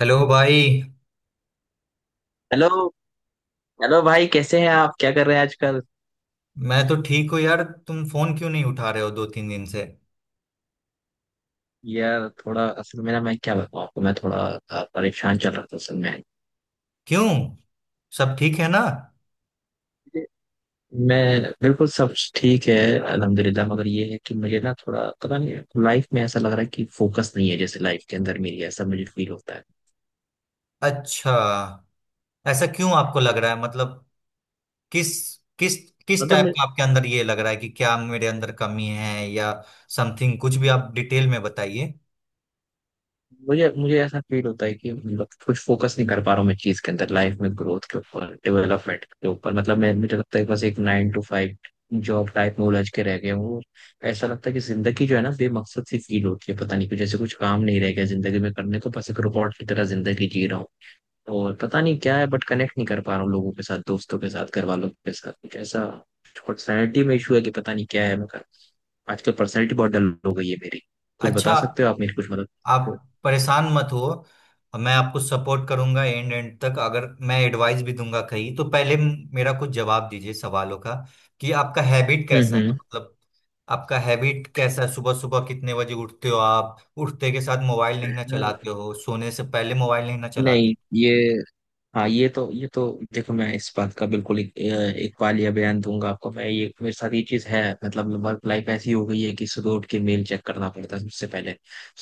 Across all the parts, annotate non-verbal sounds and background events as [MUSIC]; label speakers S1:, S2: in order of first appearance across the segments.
S1: Hello भाई।
S2: Hello. Hello भाई, कैसे हैं आप? क्या कर रहे हैं आजकल?
S1: मैं तो ठीक हूँ यार, तुम फोन क्यों नहीं उठा रहे हो दो तीन दिन से?
S2: यार, थोड़ा असल में ना, मैं क्या बताऊँ आपको, मैं थोड़ा परेशान चल रहा था असल में।
S1: क्यों, सब ठीक है ना?
S2: मैं बिल्कुल, सब ठीक है। अल्हम्दुलिल्लाह। मगर ये है कि मुझे ना थोड़ा पता नहीं, लाइफ में ऐसा लग रहा है कि फोकस नहीं है, जैसे लाइफ के अंदर मेरी, ऐसा मुझे फील होता है।
S1: अच्छा। ऐसा क्यों आपको लग रहा है, मतलब किस किस किस टाइप
S2: मतलब
S1: का आपके अंदर ये लग रहा है कि क्या मेरे अंदर कमी है या समथिंग? कुछ भी आप डिटेल में बताइए।
S2: मुझे मुझे ऐसा फील होता है कि मतलब कुछ फोकस नहीं कर पा रहा हूँ मैं, चीज के अंदर, लाइफ में, ग्रोथ के ऊपर, डेवलपमेंट के ऊपर। मतलब मैं मुझे लगता है कि बस एक 9 to 5 जॉब टाइप में उलझ के रह गया हूँ। ऐसा लगता है कि जिंदगी जो है ना, बेमकसद सी फील होती है। पता नहीं कुछ, जैसे कुछ काम नहीं रह गया जिंदगी में करने को, बस एक रोबोट की तरह जिंदगी जी रहा हूँ। और पता नहीं क्या है, बट कनेक्ट नहीं कर पा रहा हूँ लोगों के साथ, दोस्तों के साथ, घर वालों के साथ। कुछ ऐसा पर्सनैलिटी में इशू है कि पता नहीं क्या है। मैं कर आजकल पर्सनैलिटी बहुत डल हो गई है मेरी। कुछ बता
S1: अच्छा,
S2: सकते हो आप? मेरी कुछ मदद कर सकते हो?
S1: आप परेशान मत हो, मैं आपको सपोर्ट करूंगा एंड एंड तक। अगर मैं एडवाइस भी दूंगा कहीं तो पहले मेरा कुछ जवाब दीजिए सवालों का, कि आपका हैबिट कैसा है,
S2: हम्म।
S1: मतलब आपका हैबिट कैसा है? सुबह सुबह कितने बजे उठते हो? आप उठते के साथ मोबाइल नहीं ना चलाते हो? सोने से पहले मोबाइल नहीं ना चलाते
S2: नहीं, ये हाँ, ये तो देखो, मैं इस बात का बिल्कुल एक वालिया बयान दूंगा आपको। मैं ये मेरे साथ ये चीज है, मतलब वर्क लाइफ ऐसी हो गई है कि सुबह उठ के मेल चेक करना पड़ता है सबसे पहले,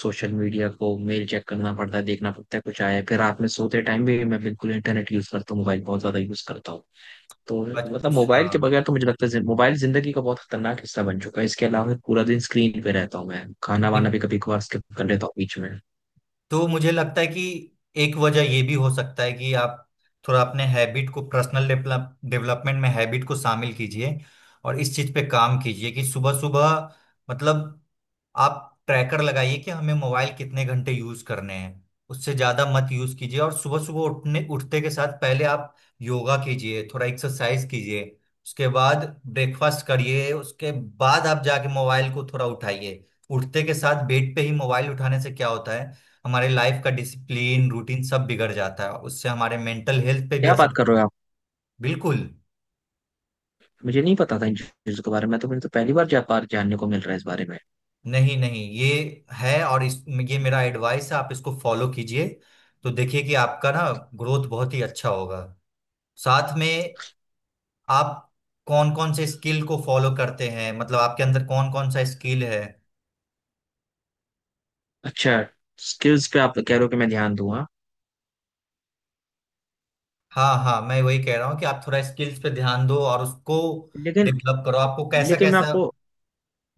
S2: सोशल मीडिया को, मेल चेक करना पड़ता है, देखना पड़ता है कुछ आया है। फिर रात में सोते टाइम भी मैं बिल्कुल इंटरनेट यूज करता हूँ, मोबाइल बहुत ज्यादा यूज करता हूँ। तो
S1: हो?
S2: मतलब
S1: अच्छा,
S2: मोबाइल के बगैर तो मुझे लगता है, मोबाइल जिंदगी का बहुत खतरनाक हिस्सा बन चुका है। इसके अलावा पूरा दिन स्क्रीन पे रहता हूँ मैं, खाना वाना भी कभी कभार स्किप कर लेता हूँ बीच में।
S1: तो मुझे लगता है कि एक वजह ये भी हो सकता है कि आप थोड़ा अपने हैबिट को पर्सनल डेवलपमेंट में हैबिट को शामिल कीजिए, और इस चीज पे काम कीजिए कि सुबह सुबह, मतलब आप ट्रैकर लगाइए कि हमें मोबाइल कितने घंटे यूज करने हैं, उससे ज्यादा मत यूज कीजिए। और सुबह सुबह उठने उठते के साथ पहले आप योगा कीजिए, थोड़ा एक्सरसाइज कीजिए, उसके बाद ब्रेकफास्ट करिए, उसके बाद आप जाके मोबाइल को थोड़ा उठाइए। उठते के साथ बेड पे ही मोबाइल उठाने से क्या होता है, हमारे लाइफ का डिसिप्लिन रूटीन सब बिगड़ जाता है, उससे हमारे मेंटल हेल्थ पे भी
S2: क्या बात
S1: असर
S2: कर रहे
S1: पड़ता
S2: हो
S1: है।
S2: आप!
S1: बिल्कुल।
S2: मुझे नहीं पता था इन चीज़ों के बारे में, तो मुझे तो पहली बार जापान जानने को मिल रहा है इस बारे में।
S1: नहीं नहीं, ये है, और इस, ये मेरा एडवाइस है, आप इसको फॉलो कीजिए तो देखिए कि आपका ना ग्रोथ बहुत ही अच्छा होगा। साथ में आप कौन कौन से स्किल को फॉलो करते हैं, मतलब आपके अंदर कौन कौन सा स्किल है?
S2: अच्छा, स्किल्स पे आप कह रहे हो कि मैं ध्यान दूंगा?
S1: हाँ हाँ, मैं वही कह रहा हूँ कि आप थोड़ा स्किल्स पे ध्यान दो और उसको
S2: लेकिन
S1: डेवलप करो। आपको कैसा
S2: लेकिन मैं
S1: कैसा?
S2: आपको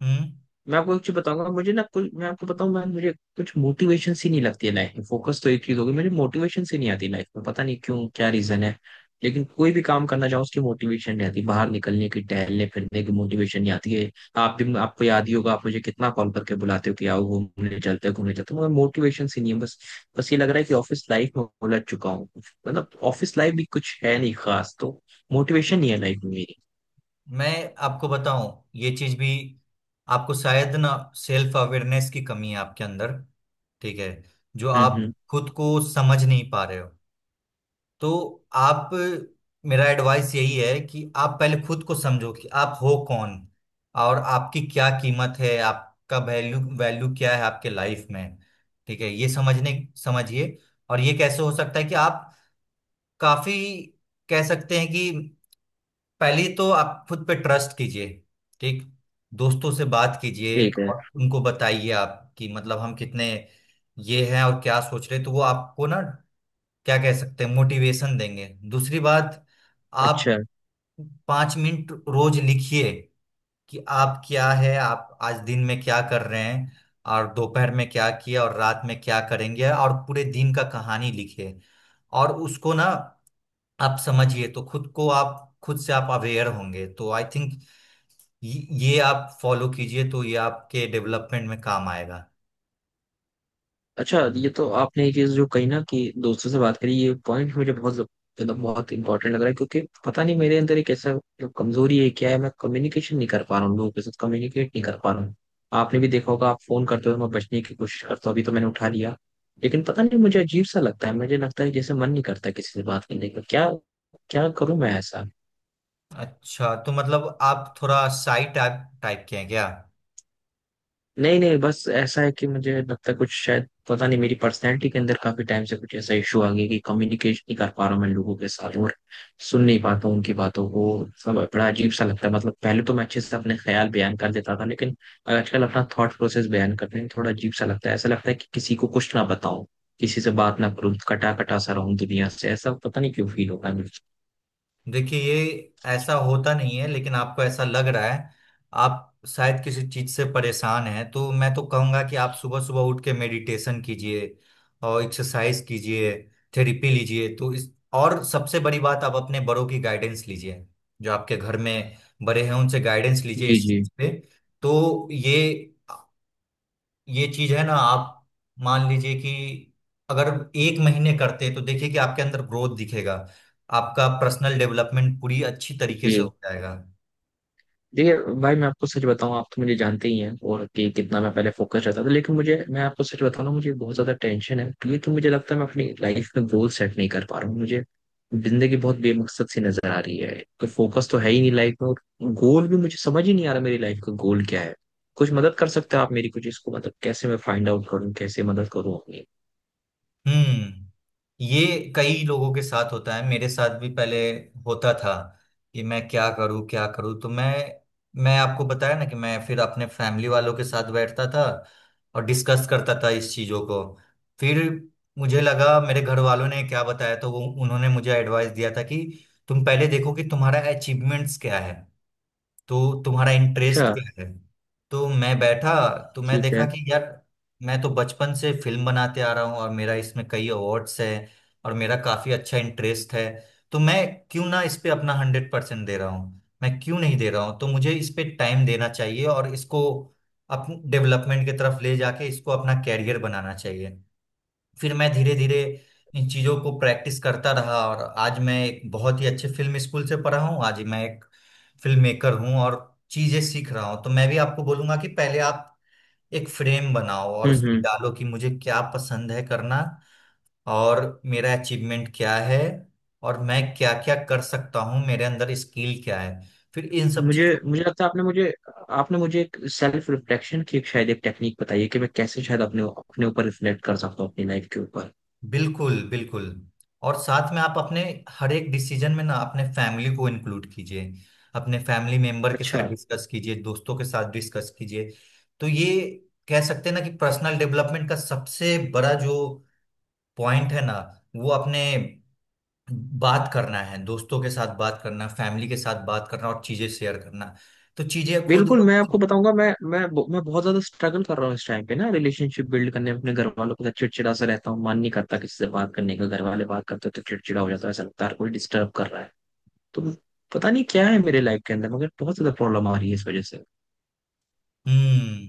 S1: हम्म
S2: मैं आपको एक चीज बताऊंगा। मुझे ना कुछ, मैं आपको बताऊं, मैं मुझे कुछ मोटिवेशन सी नहीं लगती है लाइफ में। फोकस तो एक चीज होगी, मुझे मोटिवेशन सी नहीं आती लाइफ में, पता नहीं क्यों, क्या रीजन है। लेकिन कोई भी काम करना चाहो उसकी मोटिवेशन नहीं आती, बाहर निकलने की, टहलने फिरने की मोटिवेशन नहीं आती है। आप भी, आपको याद ही होगा, आप मुझे कितना कॉल करके बुलाते हो कि आओ घूमने चलते हो, घूमने चलते हो, मगर मोटिवेशन सी नहीं है बस बस ये लग रहा है कि ऑफिस लाइफ में उलझ चुका हूँ, मतलब ऑफिस लाइफ भी कुछ है नहीं खास, तो मोटिवेशन नहीं है लाइफ में मेरी।
S1: मैं आपको बताऊं, ये चीज भी आपको शायद ना, सेल्फ अवेयरनेस की कमी है आपके अंदर। ठीक है? जो
S2: हम्म,
S1: आप
S2: हम्म।
S1: खुद को समझ नहीं पा रहे हो, तो आप, मेरा एडवाइस यही है कि आप पहले खुद को समझो कि आप हो कौन, और आपकी क्या कीमत है, आपका वैल्यू वैल्यू क्या है आपके लाइफ में। ठीक है? ये समझने समझिए। और ये कैसे हो सकता है कि आप काफी, कह सकते हैं कि पहले तो आप खुद पे ट्रस्ट कीजिए, ठीक। दोस्तों से बात कीजिए
S2: ठीक है।
S1: और उनको बताइए आप कि मतलब हम कितने ये हैं और क्या सोच रहे हैं, तो वो आपको ना क्या कह सकते हैं, मोटिवेशन देंगे। दूसरी बात, आप
S2: अच्छा,
S1: 5 मिनट रोज लिखिए कि आप क्या है, आप आज दिन में क्या कर रहे हैं, और दोपहर में क्या किया, और रात में क्या करेंगे, और पूरे दिन का कहानी लिखिए, और उसको ना आप समझिए तो खुद को आप, खुद से आप अवेयर होंगे तो आई थिंक ये आप फॉलो कीजिए तो ये आपके डेवलपमेंट में काम आएगा।
S2: अच्छा, ये तो आपने ये चीज जो कही ना कि दोस्तों से बात करी, ये पॉइंट मुझे बहुत, मतलब बहुत इंपॉर्टेंट लग रहा है क्योंकि पता नहीं मेरे अंदर एक ऐसा, जो कमजोरी है क्या है, मैं कम्युनिकेशन नहीं कर पा रहा हूँ लोगों के साथ, कम्युनिकेट नहीं कर पा रहा हूँ। आपने भी देखा होगा, आप फोन करते हो मैं बचने की कोशिश करता हूँ, अभी तो मैंने उठा लिया, लेकिन पता नहीं मुझे अजीब सा लगता है, मुझे लगता है जैसे मन नहीं करता किसी से बात करने का क्या, क्या करूं मैं ऐसा?
S1: अच्छा, तो मतलब आप थोड़ा साई टाइप टाइप के हैं क्या?
S2: नहीं, नहीं, बस ऐसा है कि मुझे लगता है कुछ, शायद पता नहीं, मेरी पर्सनैलिटी के अंदर काफी टाइम से कुछ ऐसा इशू आ गया कि कम्युनिकेशन नहीं कर पा रहा हूँ मैं लोगों के साथ, और सुन नहीं पाता हूँ उनकी बातों को। सब बड़ा अजीब सा लगता है, मतलब पहले तो मैं अच्छे से अपने ख्याल बयान कर देता था, लेकिन आजकल अपना थॉट प्रोसेस बयान करने में थोड़ा अजीब सा लगता है, ऐसा लगता है कि किसी को कुछ ना बताऊं, किसी से बात ना करूं, कटा कटा सा रहूं दुनिया से, ऐसा पता नहीं क्यों फील होता है मुझे।
S1: देखिए ये ऐसा होता नहीं है, लेकिन आपको ऐसा लग रहा है। आप शायद किसी चीज से परेशान हैं, तो मैं तो कहूंगा कि आप सुबह सुबह उठ के मेडिटेशन कीजिए और एक्सरसाइज कीजिए, थेरेपी लीजिए तो इस, और सबसे बड़ी बात आप अपने बड़ों की गाइडेंस लीजिए। जो आपके घर में बड़े हैं उनसे गाइडेंस लीजिए
S2: जी,
S1: इस
S2: जी,
S1: चीज पे। तो ये चीज है ना, आप मान लीजिए कि अगर एक महीने करते तो देखिए कि आपके अंदर ग्रोथ दिखेगा, आपका पर्सनल डेवलपमेंट पूरी अच्छी तरीके से
S2: जी।
S1: हो जाएगा।
S2: देखिए भाई, मैं आपको सच बताऊं, आप तो मुझे जानते ही हैं और कि कितना मैं पहले फोकस रहता था, लेकिन मुझे मैं आपको सच बताऊं ना, मुझे बहुत ज्यादा टेंशन है क्योंकि, तो मुझे लगता है मैं अपनी लाइफ में गोल सेट नहीं कर पा रहा हूँ, मुझे जिंदगी बहुत बेमकसद सी नजर आ रही है। कोई फोकस तो है ही नहीं लाइफ में, और गोल भी मुझे समझ ही नहीं आ रहा, मेरी लाइफ का गोल क्या है। कुछ मदद कर सकते हो आप मेरी, कुछ इसको, मतलब कैसे मैं फाइंड आउट करूँ, कैसे मदद करूँ अपनी?
S1: हम्म ये कई लोगों के साथ होता है, मेरे साथ भी पहले होता था कि मैं क्या करूं, क्या करूं। तो मैं आपको बताया ना कि मैं फिर अपने फैमिली वालों के साथ बैठता था और डिस्कस करता था इस चीजों को। फिर मुझे लगा मेरे घर वालों ने क्या बताया, तो वो उन्होंने मुझे एडवाइस दिया था कि तुम पहले देखो कि तुम्हारा अचीवमेंट्स क्या है, तो तुम्हारा इंटरेस्ट
S2: अच्छा।
S1: क्या है। तो मैं बैठा, तो मैं
S2: ठीक
S1: देखा
S2: है।
S1: कि यार, मैं तो बचपन से फिल्म बनाते आ रहा हूँ, और मेरा इसमें कई अवार्ड्स है और मेरा काफी अच्छा इंटरेस्ट है, तो मैं क्यों ना इस पे अपना 100% दे रहा हूँ, मैं क्यों नहीं दे रहा हूँ, तो मुझे इस पे टाइम देना चाहिए और इसको अपने डेवलपमेंट की तरफ ले जाके इसको अपना कैरियर बनाना चाहिए। फिर मैं धीरे धीरे इन चीजों को प्रैक्टिस करता रहा, और आज मैं एक बहुत ही अच्छे फिल्म स्कूल से पढ़ा हूँ, आज मैं एक फिल्म मेकर हूँ और चीजें सीख रहा हूँ। तो मैं भी आपको बोलूंगा कि पहले आप एक फ्रेम बनाओ और
S2: हम्म,
S1: उसमें
S2: हम्म।
S1: डालो कि मुझे क्या पसंद है करना, और मेरा अचीवमेंट क्या है, और मैं क्या क्या कर सकता हूँ, मेरे अंदर स्किल क्या है, फिर इन सब
S2: मुझे
S1: चीजों।
S2: मुझे लगता है, आपने मुझे एक सेल्फ रिफ्लेक्शन की, एक शायद एक टेक्निक बताई है कि मैं कैसे शायद अपने, अपने ऊपर रिफ्लेक्ट कर सकता हूँ, अपनी लाइफ के ऊपर।
S1: बिल्कुल बिल्कुल। और साथ में आप अपने हर एक डिसीजन में ना अपने फैमिली को इंक्लूड कीजिए, अपने फैमिली मेंबर के
S2: अच्छा।
S1: साथ डिस्कस कीजिए, दोस्तों के साथ डिस्कस कीजिए। तो ये कह सकते हैं ना कि पर्सनल डेवलपमेंट का सबसे बड़ा जो पॉइंट है ना, वो अपने बात करना है, दोस्तों के साथ बात करना, फैमिली के साथ बात करना और चीजें शेयर करना, तो चीजें खुद
S2: बिल्कुल,
S1: ब
S2: मैं आपको
S1: खुद।
S2: बताऊंगा, मैं मैं बहुत ज्यादा स्ट्रगल कर रहा हूँ इस टाइम पे ना, रिलेशनशिप बिल्ड करने में अपने घर वालों के साथ, चिड़चिड़ा सा रहता हूँ, मन नहीं करता किसी से बात करने का, घर वाले बात करते हैं तो चिड़चिड़ा हो जाता है, ऐसा लगता है हर कोई डिस्टर्ब कर रहा है, तो पता नहीं क्या है मेरे लाइफ के अंदर, मगर बहुत ज्यादा प्रॉब्लम आ रही है इस वजह से।
S1: हम्म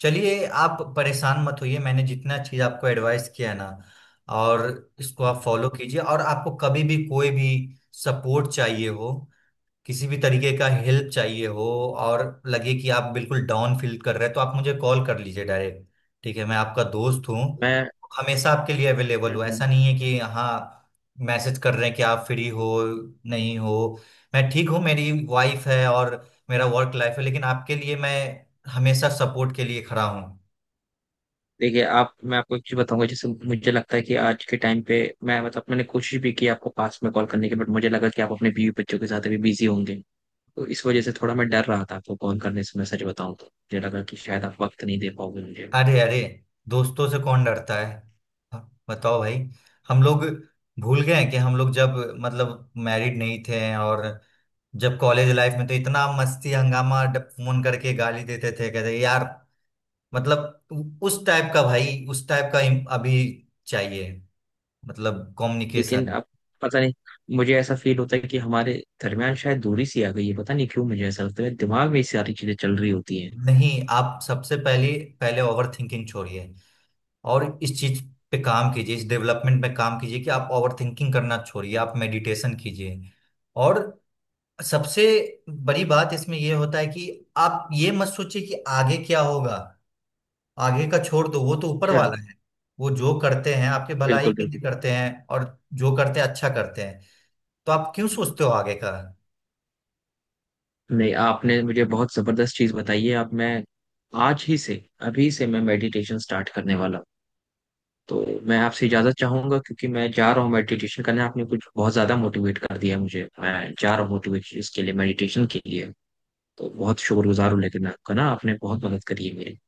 S1: चलिए, आप परेशान मत होइए, मैंने जितना चीज आपको एडवाइस किया है ना, और इसको आप
S2: हम्म।
S1: फॉलो कीजिए। और आपको कभी भी कोई भी सपोर्ट चाहिए हो, किसी भी तरीके का हेल्प चाहिए हो, और लगे कि आप बिल्कुल डाउन फील कर रहे हैं, तो आप मुझे कॉल कर लीजिए डायरेक्ट। ठीक है, मैं आपका दोस्त हूँ,
S2: मैं
S1: हमेशा आपके लिए अवेलेबल
S2: हम्म,
S1: हूँ।
S2: हम्म।
S1: ऐसा नहीं है कि हाँ, मैसेज कर रहे हैं कि आप फ्री हो, नहीं हो। मैं ठीक हूँ, मेरी वाइफ है और मेरा वर्क लाइफ है, लेकिन आपके लिए मैं हमेशा सपोर्ट के लिए खड़ा हूँ।
S2: देखिए आप, मैं आपको एक चीज बताऊंगा जैसे, मुझे लगता है कि आज के टाइम पे, मैं मतलब मैंने कोशिश भी की आपको पास में कॉल करने की, बट मुझे लगा कि आप अपने बीवी बच्चों के साथ अभी बिजी होंगे, तो इस वजह से थोड़ा मैं डर रहा था आपको कॉल करने से, मैं सच बताऊं तो मुझे लगा कि शायद आप वक्त नहीं दे पाओगे मुझे।
S1: अरे अरे, दोस्तों से कौन डरता है? हाँ, बताओ भाई। हम लोग भूल गए हैं कि हम लोग जब, मतलब मैरिड नहीं थे, और जब कॉलेज लाइफ में तो इतना मस्ती हंगामा, फोन करके गाली देते थे, कहते यार, मतलब उस टाइप का भाई, उस टाइप का अभी चाहिए, मतलब
S2: लेकिन
S1: कम्युनिकेशन।
S2: अब, पता नहीं, मुझे ऐसा फील होता है कि हमारे दरमियान शायद दूरी सी आ गई है, पता नहीं क्यों मुझे ऐसा लगता है, दिमाग में ये सारी चीजें चल रही होती हैं।
S1: नहीं, आप सबसे पहले, पहले ओवर थिंकिंग छोड़िए, और इस चीज पे काम कीजिए, इस डेवलपमेंट पे काम कीजिए कि आप ओवर थिंकिंग करना छोड़िए, आप मेडिटेशन कीजिए, और सबसे बड़ी बात इसमें यह होता है कि आप ये मत सोचिए कि आगे क्या होगा। आगे का छोड़ दो, वो तो ऊपर
S2: अच्छा,
S1: वाला है, वो जो करते हैं आपके भलाई
S2: बिल्कुल,
S1: के लिए
S2: बिल्कुल।
S1: करते हैं, और जो करते हैं अच्छा करते हैं, तो आप क्यों सोचते हो आगे का।
S2: नहीं, आपने मुझे बहुत जबरदस्त चीज बताई है, अब मैं आज ही से, अभी से मैं मेडिटेशन स्टार्ट करने वाला हूं। तो मैं आपसे इजाजत चाहूंगा क्योंकि मैं जा रहा हूँ मेडिटेशन करने, आपने कुछ बहुत ज्यादा मोटिवेट कर दिया मुझे, मैं जा रहा हूँ मोटिवेशन इसके लिए, मेडिटेशन के लिए। तो बहुत शुक्रगुजार हूँ लेकिन आपका ना, आपने बहुत मदद करी है मेरी।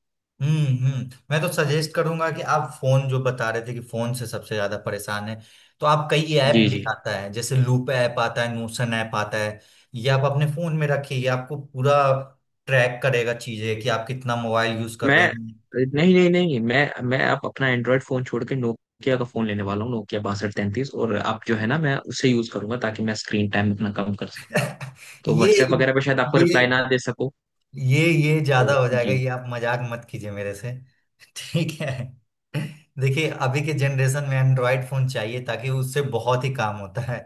S1: मैं तो सजेस्ट करूंगा कि आप फोन, जो बता रहे थे कि फोन से सबसे ज्यादा परेशान है, तो आप कई ऐप
S2: जी,
S1: भी
S2: जी।
S1: आता है, जैसे लूप ऐप आता है, नोशन ऐप आता है, ये आप अपने फोन में रखिए, ये आपको पूरा ट्रैक करेगा चीजें कि आप कितना मोबाइल यूज कर
S2: मैं
S1: रहे हैं।
S2: नहीं, नहीं, नहीं, मैं मैं आप अपना एंड्रॉयड फोन छोड़ के नोकिया का फोन लेने वाला हूँ, नोकिया 6233, और आप जो है ना मैं उसे यूज करूंगा ताकि मैं स्क्रीन टाइम अपना कम कर सकूँ,
S1: [LAUGHS]
S2: तो
S1: ये
S2: व्हाट्सएप वगैरह पे शायद आपको
S1: ये
S2: रिप्लाई ना दे सकूँ।
S1: ये
S2: तो
S1: ज्यादा हो जाएगा,
S2: जी,
S1: ये आप मजाक मत कीजिए मेरे से। [LAUGHS] ठीक है, देखिए अभी के जनरेशन में एंड्रॉयड फोन चाहिए ताकि उससे बहुत ही काम होता है,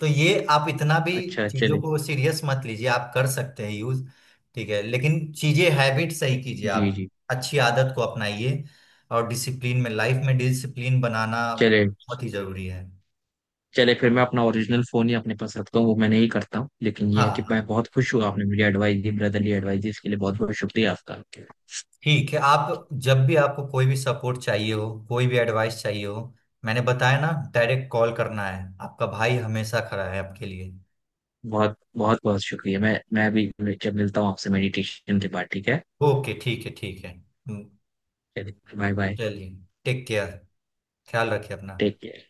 S1: तो ये आप इतना भी
S2: अच्छा,
S1: चीजों
S2: चले।
S1: को सीरियस मत लीजिए, आप कर सकते हैं यूज। ठीक है, लेकिन चीजें हैबिट सही कीजिए
S2: जी,
S1: आप,
S2: जी,
S1: अच्छी आदत को अपनाइए, और डिसिप्लिन में लाइफ में डिसिप्लिन बनाना
S2: चले,
S1: बहुत ही जरूरी है।
S2: चले, फिर मैं अपना ओरिजिनल फोन ही अपने पास रखता हूँ, वो मैं नहीं करता हूँ, लेकिन
S1: हाँ
S2: ये है कि
S1: हाँ,
S2: मैं बहुत खुश हुआ, आपने मुझे एडवाइस दी, ब्रदरली एडवाइस दी, इसके लिए बहुत बहुत शुक्रिया आपका, आपके।
S1: ठीक है, आप जब भी आपको कोई भी सपोर्ट चाहिए हो, कोई भी एडवाइस चाहिए हो, मैंने बताया ना, डायरेक्ट कॉल करना है, आपका भाई हमेशा खड़ा है आपके लिए।
S2: बहुत बहुत बहुत शुक्रिया, मैं भी जब मिलता हूँ आपसे मेडिटेशन के बाद, ठीक है।
S1: ओके, ठीक है, ठीक है।
S2: चलिए, बाय बाय।
S1: चलिए, टेक केयर, ख्याल रखिए अपना।
S2: Take care.